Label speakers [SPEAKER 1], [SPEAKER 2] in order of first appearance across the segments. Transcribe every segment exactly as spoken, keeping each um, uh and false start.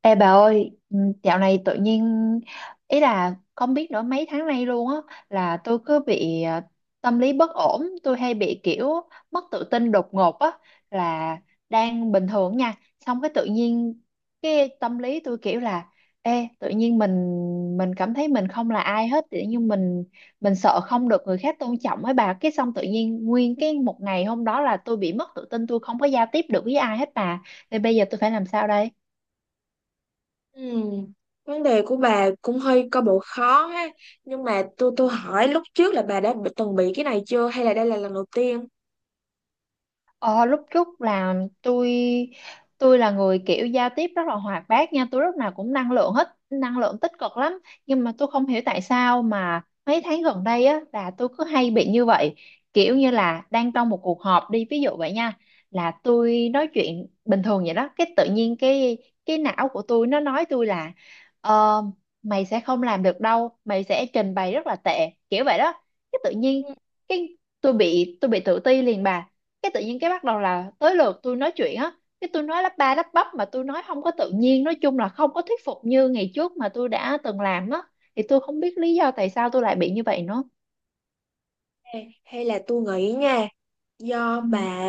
[SPEAKER 1] Ê bà ơi, ừ, dạo này tự nhiên ý là không biết nữa, mấy tháng nay luôn á là tôi cứ bị ờ, tâm lý bất ổn, tôi hay bị kiểu mất tự tin đột ngột á, là đang bình thường nha, xong cái tự nhiên cái tâm lý tôi kiểu là ê tự nhiên mình mình cảm thấy mình không là ai hết, tự nhiên mình mình sợ không được người khác tôn trọng ấy bà, cái xong tự nhiên nguyên cái một ngày hôm đó là tôi bị mất tự tin, tôi không có giao tiếp được với ai hết bà. Thì bây giờ tôi phải làm sao đây?
[SPEAKER 2] Ừ. Vấn đề của bà cũng hơi có bộ khó ha. Nhưng mà tôi tôi hỏi lúc trước là bà đã bị- từng bị cái này chưa hay là đây là lần đầu tiên?
[SPEAKER 1] Ờ, lúc trước là tôi tôi là người kiểu giao tiếp rất là hoạt bát nha, tôi lúc nào cũng năng lượng, hết năng lượng tích cực lắm, nhưng mà tôi không hiểu tại sao mà mấy tháng gần đây á là tôi cứ hay bị như vậy, kiểu như là đang trong một cuộc họp đi, ví dụ vậy nha, là tôi nói chuyện bình thường vậy đó, cái tự nhiên cái cái não của tôi nó nói tôi là ờ, mày sẽ không làm được đâu, mày sẽ trình bày rất là tệ kiểu vậy đó. Cái tự
[SPEAKER 2] Ừ.
[SPEAKER 1] nhiên cái tôi bị tôi bị tự ti liền bà, cái tự nhiên cái bắt đầu là tới lượt tôi nói chuyện á, cái tôi nói lắp ba lắp bắp mà tôi nói không có tự nhiên, nói chung là không có thuyết phục như ngày trước mà tôi đã từng làm á. Thì tôi không biết lý do tại sao tôi lại bị như vậy nữa.
[SPEAKER 2] Hay hay là tôi nghĩ nha, do
[SPEAKER 1] Ừ.
[SPEAKER 2] bà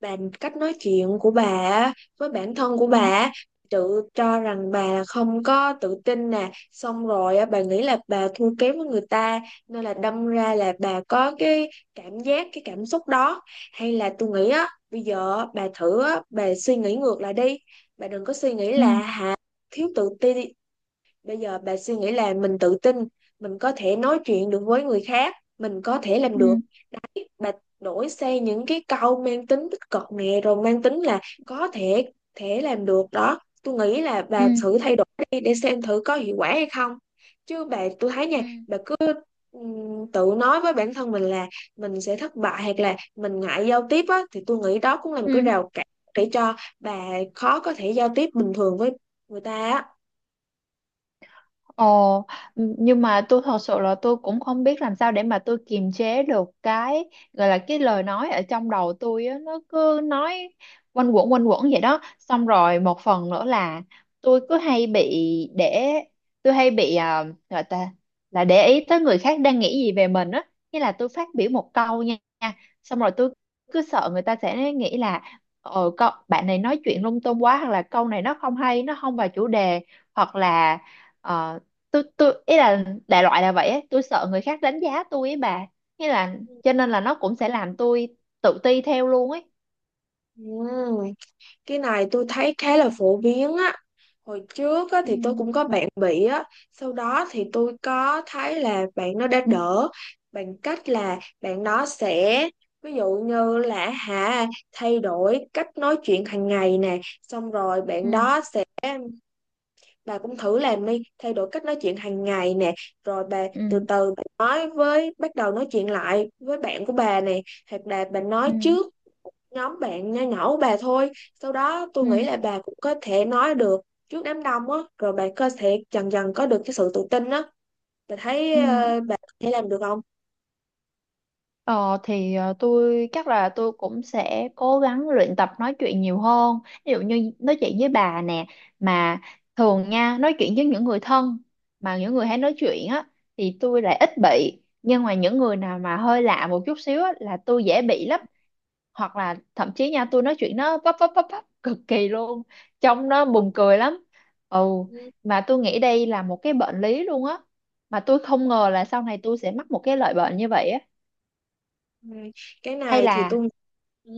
[SPEAKER 2] bà cách nói chuyện của bà với bản thân của
[SPEAKER 1] Ừ.
[SPEAKER 2] bà tự cho rằng bà không có tự tin nè, xong rồi á, bà nghĩ là bà thua kém với người ta, nên là đâm ra là bà có cái cảm giác, cái cảm xúc đó. Hay là tôi nghĩ á, bây giờ á, bà thử á, bà suy nghĩ ngược lại đi. Bà đừng có suy nghĩ
[SPEAKER 1] Ừ.
[SPEAKER 2] là hả, thiếu tự tin. Bây giờ bà suy nghĩ là mình tự tin, mình có thể nói chuyện được với người khác, mình có thể làm được.
[SPEAKER 1] Ừ.
[SPEAKER 2] Bà đổi sang những cái câu mang tính tích cực nè, rồi mang tính là có thể thể làm được đó. Tôi nghĩ là
[SPEAKER 1] Ừ.
[SPEAKER 2] bà thử thay đổi đi để xem thử có hiệu quả hay không. Chứ bà, tôi thấy
[SPEAKER 1] Ừ.
[SPEAKER 2] nha, bà cứ ừm, tự nói với bản thân mình là mình sẽ thất bại, hoặc là mình ngại giao tiếp á, thì tôi nghĩ đó cũng là một
[SPEAKER 1] Ừ.
[SPEAKER 2] cái rào cản để cho bà khó có thể giao tiếp bình thường với người ta á.
[SPEAKER 1] Ồ, nhưng mà tôi thật sự là tôi cũng không biết làm sao để mà tôi kiềm chế được cái gọi là cái lời nói ở trong đầu tôi á, nó cứ nói quanh quẩn quanh quẩn vậy đó. Xong rồi một phần nữa là tôi cứ hay bị để tôi hay bị à, gọi ta là để ý tới người khác đang nghĩ gì về mình á, nghĩa là tôi phát biểu một câu nha, xong rồi tôi cứ sợ người ta sẽ nghĩ là ờ cậu bạn này nói chuyện lung tung quá, hoặc là câu này nó không hay, nó không vào chủ đề, hoặc là ờ, tôi tôi ý là đại loại là vậy ấy. Tôi sợ người khác đánh giá tôi ấy bà, nghĩa là cho nên là nó cũng sẽ làm tôi tự ti theo luôn ấy.
[SPEAKER 2] Ừm, cái này tôi thấy khá là phổ biến á. Hồi trước á,
[SPEAKER 1] Ừ.
[SPEAKER 2] thì tôi cũng có bạn bị á, sau đó thì tôi có thấy là bạn nó đã đỡ, bằng cách là bạn nó sẽ, ví dụ như là hả, thay đổi cách nói chuyện hàng ngày nè, xong rồi
[SPEAKER 1] Ừ.
[SPEAKER 2] bạn đó sẽ, bà cũng thử làm đi, thay đổi cách nói chuyện hàng ngày nè, rồi bà từ
[SPEAKER 1] Ừ.
[SPEAKER 2] từ bà nói với bắt đầu nói chuyện lại với bạn của bà nè, hoặc là bà
[SPEAKER 1] Ừ.
[SPEAKER 2] nói trước nhóm bạn nho nhỏ của bà thôi, sau đó tôi
[SPEAKER 1] Ừ.
[SPEAKER 2] nghĩ là bà cũng có thể nói được trước đám đông á, rồi bà có thể dần dần có được cái sự tự tin á. Bà thấy
[SPEAKER 1] Ừ.
[SPEAKER 2] ờ, bà có thể làm được không?
[SPEAKER 1] Ờ, thì ờ, tôi chắc là tôi cũng sẽ cố gắng luyện tập nói chuyện nhiều hơn, ví dụ như nói chuyện với bà nè, mà thường nha nói chuyện với những người thân, mà những người hay nói chuyện á thì tôi lại ít bị, nhưng mà những người nào mà hơi lạ một chút xíu á là tôi dễ bị lắm. Hoặc là thậm chí nha tôi nói chuyện nó vấp vấp vấp vấp cực kỳ luôn, trông nó buồn cười lắm. Ừ, mà tôi nghĩ đây là một cái bệnh lý luôn á, mà tôi không ngờ là sau này tôi sẽ mắc một cái loại bệnh như vậy á.
[SPEAKER 2] Ừ. Cái
[SPEAKER 1] hay
[SPEAKER 2] này thì
[SPEAKER 1] là
[SPEAKER 2] tôi, ừ,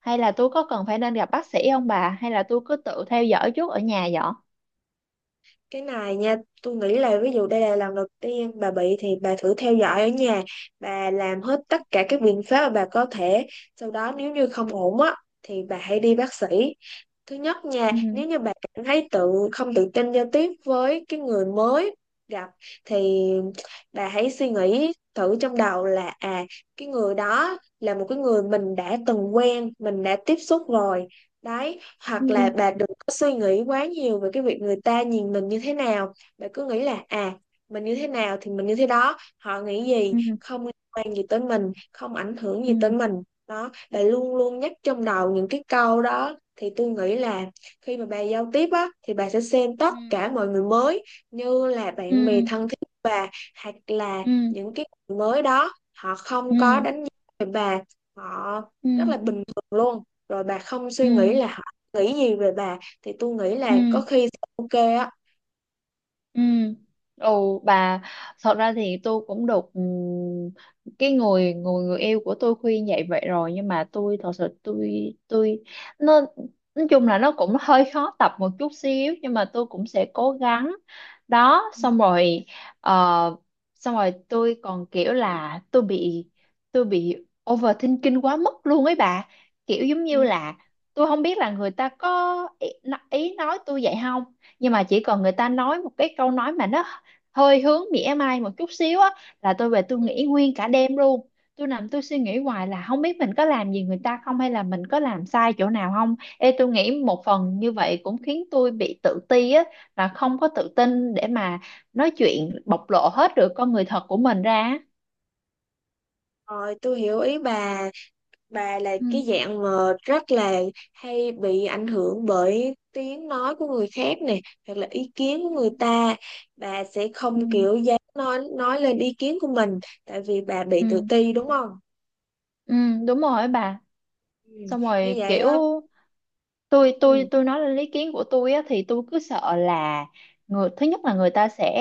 [SPEAKER 1] hay là tôi có cần phải nên gặp bác sĩ không bà, hay là tôi cứ tự theo dõi trước ở nhà vậy?
[SPEAKER 2] cái này nha, tôi nghĩ là ví dụ đây là lần đầu tiên bà bị thì bà thử theo dõi ở nhà, bà làm hết tất cả các biện pháp mà bà có thể, sau đó nếu như không ổn á thì bà hãy đi bác sĩ. Thứ nhất nha,
[SPEAKER 1] Ừ.
[SPEAKER 2] nếu như bạn cảm thấy tự không tự tin giao tiếp với cái người mới gặp, thì bà hãy suy nghĩ thử trong đầu là à, cái người đó là một cái người mình đã từng quen, mình đã tiếp xúc rồi. Đấy, hoặc là
[SPEAKER 1] Ừ.
[SPEAKER 2] bà đừng có suy nghĩ quá nhiều về cái việc người ta nhìn mình như thế nào. Bà cứ nghĩ là à, mình như thế nào thì mình như thế đó, họ nghĩ gì
[SPEAKER 1] Ừ.
[SPEAKER 2] không liên quan gì tới mình, không ảnh hưởng gì
[SPEAKER 1] Ừ.
[SPEAKER 2] tới mình. Đó, bà luôn luôn nhắc trong đầu những cái câu đó, thì tôi nghĩ là khi mà bà giao tiếp á, thì bà sẽ xem tất
[SPEAKER 1] Ừ.
[SPEAKER 2] cả mọi người mới như là
[SPEAKER 1] Ừ.
[SPEAKER 2] bạn bè thân thiết của bà, hoặc là
[SPEAKER 1] Ừ.
[SPEAKER 2] những cái người mới đó họ không có
[SPEAKER 1] Ừ.
[SPEAKER 2] đánh giá về bà, họ
[SPEAKER 1] Ừ.
[SPEAKER 2] rất là bình thường luôn, rồi bà không
[SPEAKER 1] Ừ.
[SPEAKER 2] suy nghĩ là họ nghĩ gì về bà, thì tôi nghĩ
[SPEAKER 1] Ừ.
[SPEAKER 2] là có khi sẽ ok á.
[SPEAKER 1] Ừ. Ồ bà, thật ra thì tôi cũng được ừm, cái người người người yêu của tôi khuyên dạy vậy rồi, nhưng mà tôi thật sự tôi tôi nó nói chung là nó cũng hơi khó tập một chút xíu, nhưng mà tôi cũng sẽ cố gắng. Đó xong rồi ờ, xong rồi tôi còn kiểu là tôi bị tôi bị overthinking quá mức luôn ấy bà, kiểu giống
[SPEAKER 2] Ừ.
[SPEAKER 1] như là tôi không biết là người ta có ý, ý nói tôi vậy không. Nhưng mà chỉ cần người ta nói một cái câu nói mà nó hơi hướng mỉa mai một chút xíu á là tôi về tôi nghĩ nguyên cả đêm luôn, tôi nằm tôi suy nghĩ hoài là không biết mình có làm gì người ta không, hay là mình có làm sai chỗ nào không. Ê, tôi nghĩ một phần như vậy cũng khiến tôi bị tự ti á, là không có tự tin để mà nói chuyện bộc lộ hết được con người thật của mình ra á.
[SPEAKER 2] Rồi tôi hiểu ý bà. Bà là
[SPEAKER 1] Ừ.
[SPEAKER 2] cái dạng mà rất là hay bị ảnh hưởng bởi tiếng nói của người khác nè, hoặc là ý kiến của
[SPEAKER 1] Ừ.
[SPEAKER 2] người ta. Bà sẽ
[SPEAKER 1] Ừ,
[SPEAKER 2] không kiểu dám nói nói lên ý kiến của mình tại vì bà bị tự
[SPEAKER 1] ừ,
[SPEAKER 2] ti, đúng không?
[SPEAKER 1] ừ, đúng rồi bà,
[SPEAKER 2] Ừ,
[SPEAKER 1] xong
[SPEAKER 2] như
[SPEAKER 1] rồi
[SPEAKER 2] vậy
[SPEAKER 1] kiểu
[SPEAKER 2] á.
[SPEAKER 1] tôi
[SPEAKER 2] Ừ.
[SPEAKER 1] tôi tôi nói lên ý kiến của tôi á thì tôi cứ sợ là người thứ nhất là người ta sẽ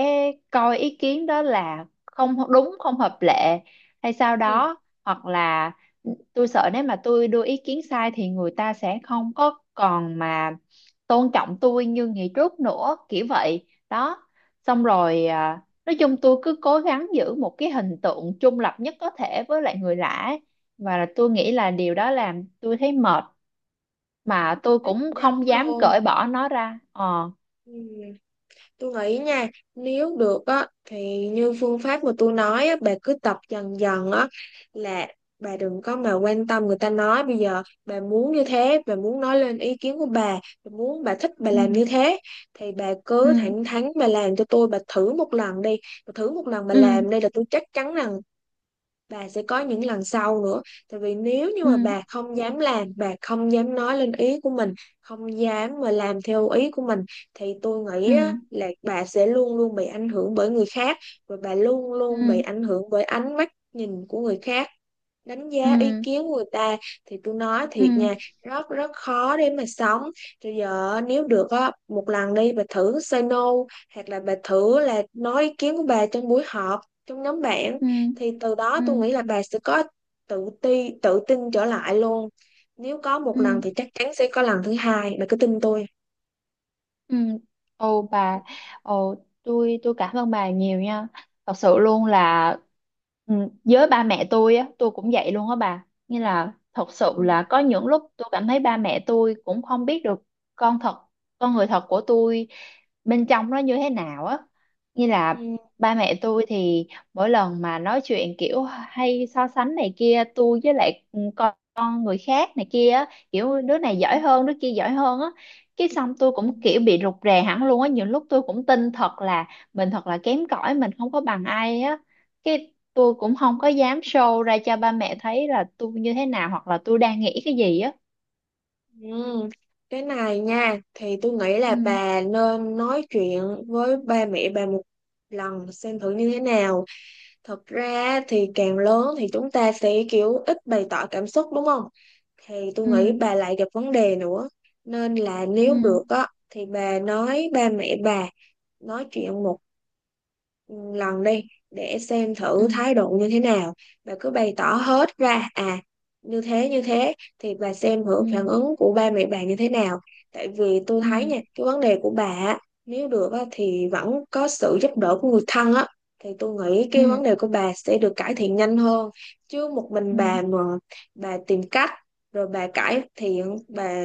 [SPEAKER 1] coi ý kiến đó là không đúng không hợp lệ hay sao
[SPEAKER 2] Ừ,
[SPEAKER 1] đó, hoặc là ừ, tôi sợ nếu mà tôi đưa ý kiến sai thì người ta sẽ không có còn mà tôn trọng tôi như ngày trước nữa kiểu vậy đó. Xong rồi à, nói chung tôi cứ cố gắng giữ một cái hình tượng trung lập nhất có thể với lại người lạ ấy. Và tôi nghĩ là điều đó làm tôi thấy mệt, mà tôi
[SPEAKER 2] chắc
[SPEAKER 1] cũng
[SPEAKER 2] chắn
[SPEAKER 1] không dám
[SPEAKER 2] luôn.
[SPEAKER 1] cởi bỏ nó ra ờ
[SPEAKER 2] Ừ. Tôi nghĩ nha, nếu được á thì như phương pháp mà tôi nói á, bà cứ tập dần dần á, là bà đừng có mà quan tâm người ta nói. Bây giờ bà muốn như thế, bà muốn nói lên ý kiến của bà, bà muốn bà thích bà
[SPEAKER 1] ừ.
[SPEAKER 2] làm như thế, thì bà cứ
[SPEAKER 1] Ừ.
[SPEAKER 2] thẳng thắn bà làm cho tôi, bà thử một lần đi, bà thử một lần bà
[SPEAKER 1] Ừ.
[SPEAKER 2] làm đi, là tôi chắc chắn rằng bà sẽ có những lần sau nữa. Tại vì nếu như
[SPEAKER 1] Ừ.
[SPEAKER 2] mà bà không dám làm, bà không dám nói lên ý của mình, không dám mà làm theo ý của mình, thì tôi nghĩ
[SPEAKER 1] Ừ.
[SPEAKER 2] á, là bà sẽ luôn luôn bị ảnh hưởng bởi người khác, và bà luôn luôn bị
[SPEAKER 1] Ừ.
[SPEAKER 2] ảnh hưởng bởi ánh mắt nhìn của người khác, đánh giá ý
[SPEAKER 1] Ừ.
[SPEAKER 2] kiến của người ta, thì tôi nói thiệt
[SPEAKER 1] Ừ.
[SPEAKER 2] nha, rất rất khó để mà sống. Rồi giờ nếu được á, một lần đi bà thử say no, hoặc là bà thử là nói ý kiến của bà trong buổi họp, trong nhóm bạn,
[SPEAKER 1] Ừ.
[SPEAKER 2] thì từ
[SPEAKER 1] Ừ.
[SPEAKER 2] đó
[SPEAKER 1] Ừ.
[SPEAKER 2] tôi nghĩ là bà sẽ có tự ti, tự tin trở lại luôn. Nếu có một
[SPEAKER 1] Ừ.
[SPEAKER 2] lần thì chắc chắn sẽ có lần thứ hai, bà cứ tin tôi.
[SPEAKER 1] Ừ. Ồ bà, ồ tôi tôi cảm ơn bà nhiều nha. Thật sự luôn là, ừ, với ba mẹ tôi á, tôi cũng vậy luôn á bà. Như là thật
[SPEAKER 2] Ừ.
[SPEAKER 1] sự là có những lúc tôi cảm thấy ba mẹ tôi cũng không biết được con thật, con người thật của tôi bên trong nó như thế nào á. Như là
[SPEAKER 2] Ừ.
[SPEAKER 1] ba mẹ tôi thì mỗi lần mà nói chuyện kiểu hay so sánh này kia, tôi với lại con, con người khác này kia á, kiểu đứa này
[SPEAKER 2] Ừ.
[SPEAKER 1] giỏi hơn, đứa kia giỏi hơn á. Cái xong tôi
[SPEAKER 2] Ừ.
[SPEAKER 1] cũng kiểu bị rụt rè hẳn luôn á, nhiều lúc tôi cũng tin thật là mình thật là kém cỏi, mình không có bằng ai á. Cái tôi cũng không có dám show ra cho ba mẹ thấy là tôi như thế nào hoặc là tôi đang nghĩ cái gì á.
[SPEAKER 2] Ừ. Cái này nha, thì tôi nghĩ là
[SPEAKER 1] Ừ.
[SPEAKER 2] bà nên nói chuyện với ba mẹ bà một lần xem thử như thế nào. Thật ra thì càng lớn thì chúng ta sẽ kiểu ít bày tỏ cảm xúc, đúng không? Thì tôi
[SPEAKER 1] Ừ.
[SPEAKER 2] nghĩ bà lại gặp vấn đề nữa, nên là nếu
[SPEAKER 1] Ừ.
[SPEAKER 2] được á, thì bà nói ba mẹ bà nói chuyện một lần đi, để xem
[SPEAKER 1] Ừ.
[SPEAKER 2] thử thái độ như thế nào, và cứ bày tỏ hết ra à, như thế như thế, thì bà xem thử phản
[SPEAKER 1] Ừ.
[SPEAKER 2] ứng của ba mẹ bà như thế nào. Tại vì tôi thấy
[SPEAKER 1] Ừ.
[SPEAKER 2] nha, cái vấn đề của bà á, nếu được á, thì vẫn có sự giúp đỡ của người thân á, thì tôi nghĩ cái
[SPEAKER 1] Ừ.
[SPEAKER 2] vấn đề của bà sẽ được cải thiện nhanh hơn. Chứ một mình bà
[SPEAKER 1] Ừ.
[SPEAKER 2] mà bà tìm cách, rồi bà cải thiện bà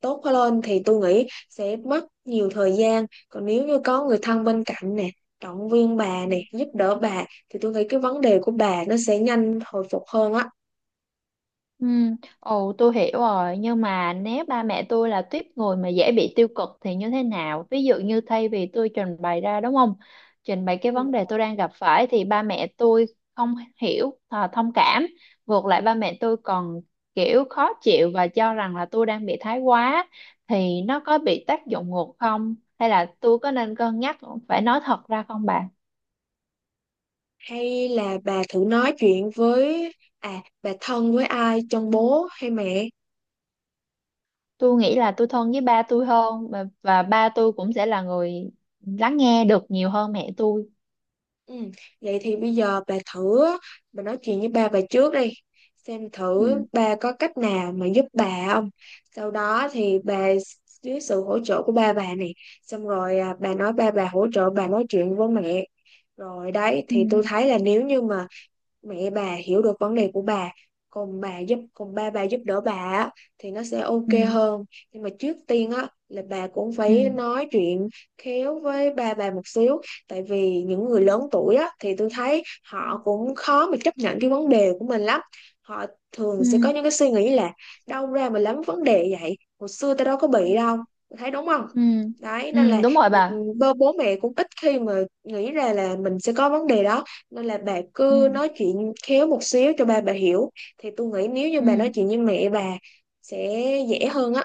[SPEAKER 2] tốt lên, thì tôi nghĩ sẽ mất nhiều thời gian. Còn nếu như có người thân
[SPEAKER 1] Ừ.
[SPEAKER 2] bên cạnh nè, động viên bà
[SPEAKER 1] Ừ.
[SPEAKER 2] này, giúp đỡ bà, thì tôi nghĩ cái vấn đề của bà nó sẽ nhanh hồi phục hơn á.
[SPEAKER 1] Ừ, ồ tôi hiểu rồi, nhưng mà nếu ba mẹ tôi là tuýp người mà dễ bị tiêu cực thì như thế nào? Ví dụ như thay vì tôi trình bày ra đúng không? Trình bày cái
[SPEAKER 2] Ừ.
[SPEAKER 1] vấn đề tôi đang gặp phải thì ba mẹ tôi không hiểu, à, thông cảm, ngược lại ba mẹ tôi còn kiểu khó chịu và cho rằng là tôi đang bị thái quá, thì nó có bị tác dụng ngược không? Hay là tôi có nên cân nhắc phải nói thật ra không bà?
[SPEAKER 2] Hay là bà thử nói chuyện với à bà thân với ai trong bố hay mẹ?
[SPEAKER 1] Tôi nghĩ là tôi thân với ba tôi hơn, và, và ba tôi cũng sẽ là người lắng nghe được nhiều hơn mẹ tôi.
[SPEAKER 2] Ừ. Vậy thì bây giờ bà thử, bà nói chuyện với ba bà trước đi, xem thử
[SPEAKER 1] Ừ.
[SPEAKER 2] ba có cách nào mà giúp bà không, sau đó thì bà dưới sự hỗ trợ của ba bà này, xong rồi à, bà nói ba bà hỗ trợ bà nói chuyện với mẹ. Rồi đấy,
[SPEAKER 1] Ừ.
[SPEAKER 2] thì tôi thấy là nếu như mà mẹ bà hiểu được vấn đề của bà, còn bà giúp, còn ba bà giúp đỡ bà á, thì nó sẽ ok
[SPEAKER 1] Ừ.
[SPEAKER 2] hơn. Nhưng mà trước tiên á, là bà cũng phải
[SPEAKER 1] Ừ.
[SPEAKER 2] nói chuyện khéo với ba bà một xíu, tại vì những người
[SPEAKER 1] Ừ.
[SPEAKER 2] lớn tuổi á, thì tôi thấy
[SPEAKER 1] Ừ.
[SPEAKER 2] họ cũng khó mà chấp nhận cái vấn đề của mình lắm. Họ thường
[SPEAKER 1] Ừ.
[SPEAKER 2] sẽ có những cái suy nghĩ là đâu ra mà lắm vấn đề vậy, hồi xưa tao đâu có
[SPEAKER 1] Ừ.
[SPEAKER 2] bị đâu. Tôi thấy đúng không?
[SPEAKER 1] Ừ.
[SPEAKER 2] Đấy, nên
[SPEAKER 1] Ừ,
[SPEAKER 2] là
[SPEAKER 1] đúng rồi
[SPEAKER 2] người,
[SPEAKER 1] bà.
[SPEAKER 2] bố bố mẹ cũng ít khi mà nghĩ ra là mình sẽ có vấn đề đó, nên là bà
[SPEAKER 1] Ừ.
[SPEAKER 2] cứ nói chuyện khéo một xíu cho ba bà hiểu, thì tôi nghĩ nếu như bà nói
[SPEAKER 1] Ừ.
[SPEAKER 2] chuyện với mẹ bà sẽ dễ hơn á.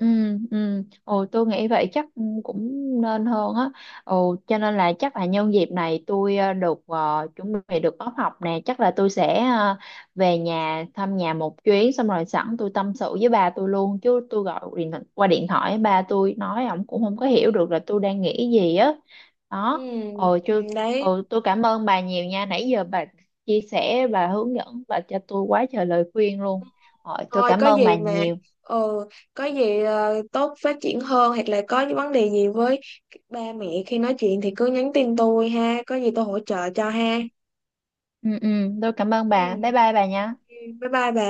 [SPEAKER 1] Ừ, ừ. Ồ, tôi nghĩ vậy chắc cũng nên hơn á. Ồ, cho nên là chắc là nhân dịp này tôi ờ, được ờ, chuẩn bị được off học nè, chắc là tôi sẽ ờ, về nhà thăm nhà một chuyến, xong rồi sẵn tôi tâm sự với ba tôi luôn, chứ tôi gọi điện qua điện thoại ba tôi nói, ổng cũng không có hiểu được là tôi đang nghĩ gì á.
[SPEAKER 2] Ừ,
[SPEAKER 1] Đó. Ồ,
[SPEAKER 2] ừ,
[SPEAKER 1] chứ
[SPEAKER 2] đấy,
[SPEAKER 1] ồ, tôi cảm ơn bà nhiều nha. Nãy giờ bà chia sẻ, bà hướng dẫn, bà cho tôi quá trời lời khuyên luôn. Ồ, tôi
[SPEAKER 2] thôi
[SPEAKER 1] cảm
[SPEAKER 2] có
[SPEAKER 1] ơn bà
[SPEAKER 2] gì mà,
[SPEAKER 1] nhiều.
[SPEAKER 2] ừ, có gì ờ, tốt phát triển hơn, hoặc là có những vấn đề gì với ba mẹ khi nói chuyện thì cứ nhắn tin tôi ha, có gì tôi hỗ trợ cho ha.
[SPEAKER 1] Ừ. Ừ. Tôi cảm ơn bà,
[SPEAKER 2] Ừ,
[SPEAKER 1] bye bye bà nhé.
[SPEAKER 2] bye bye bà.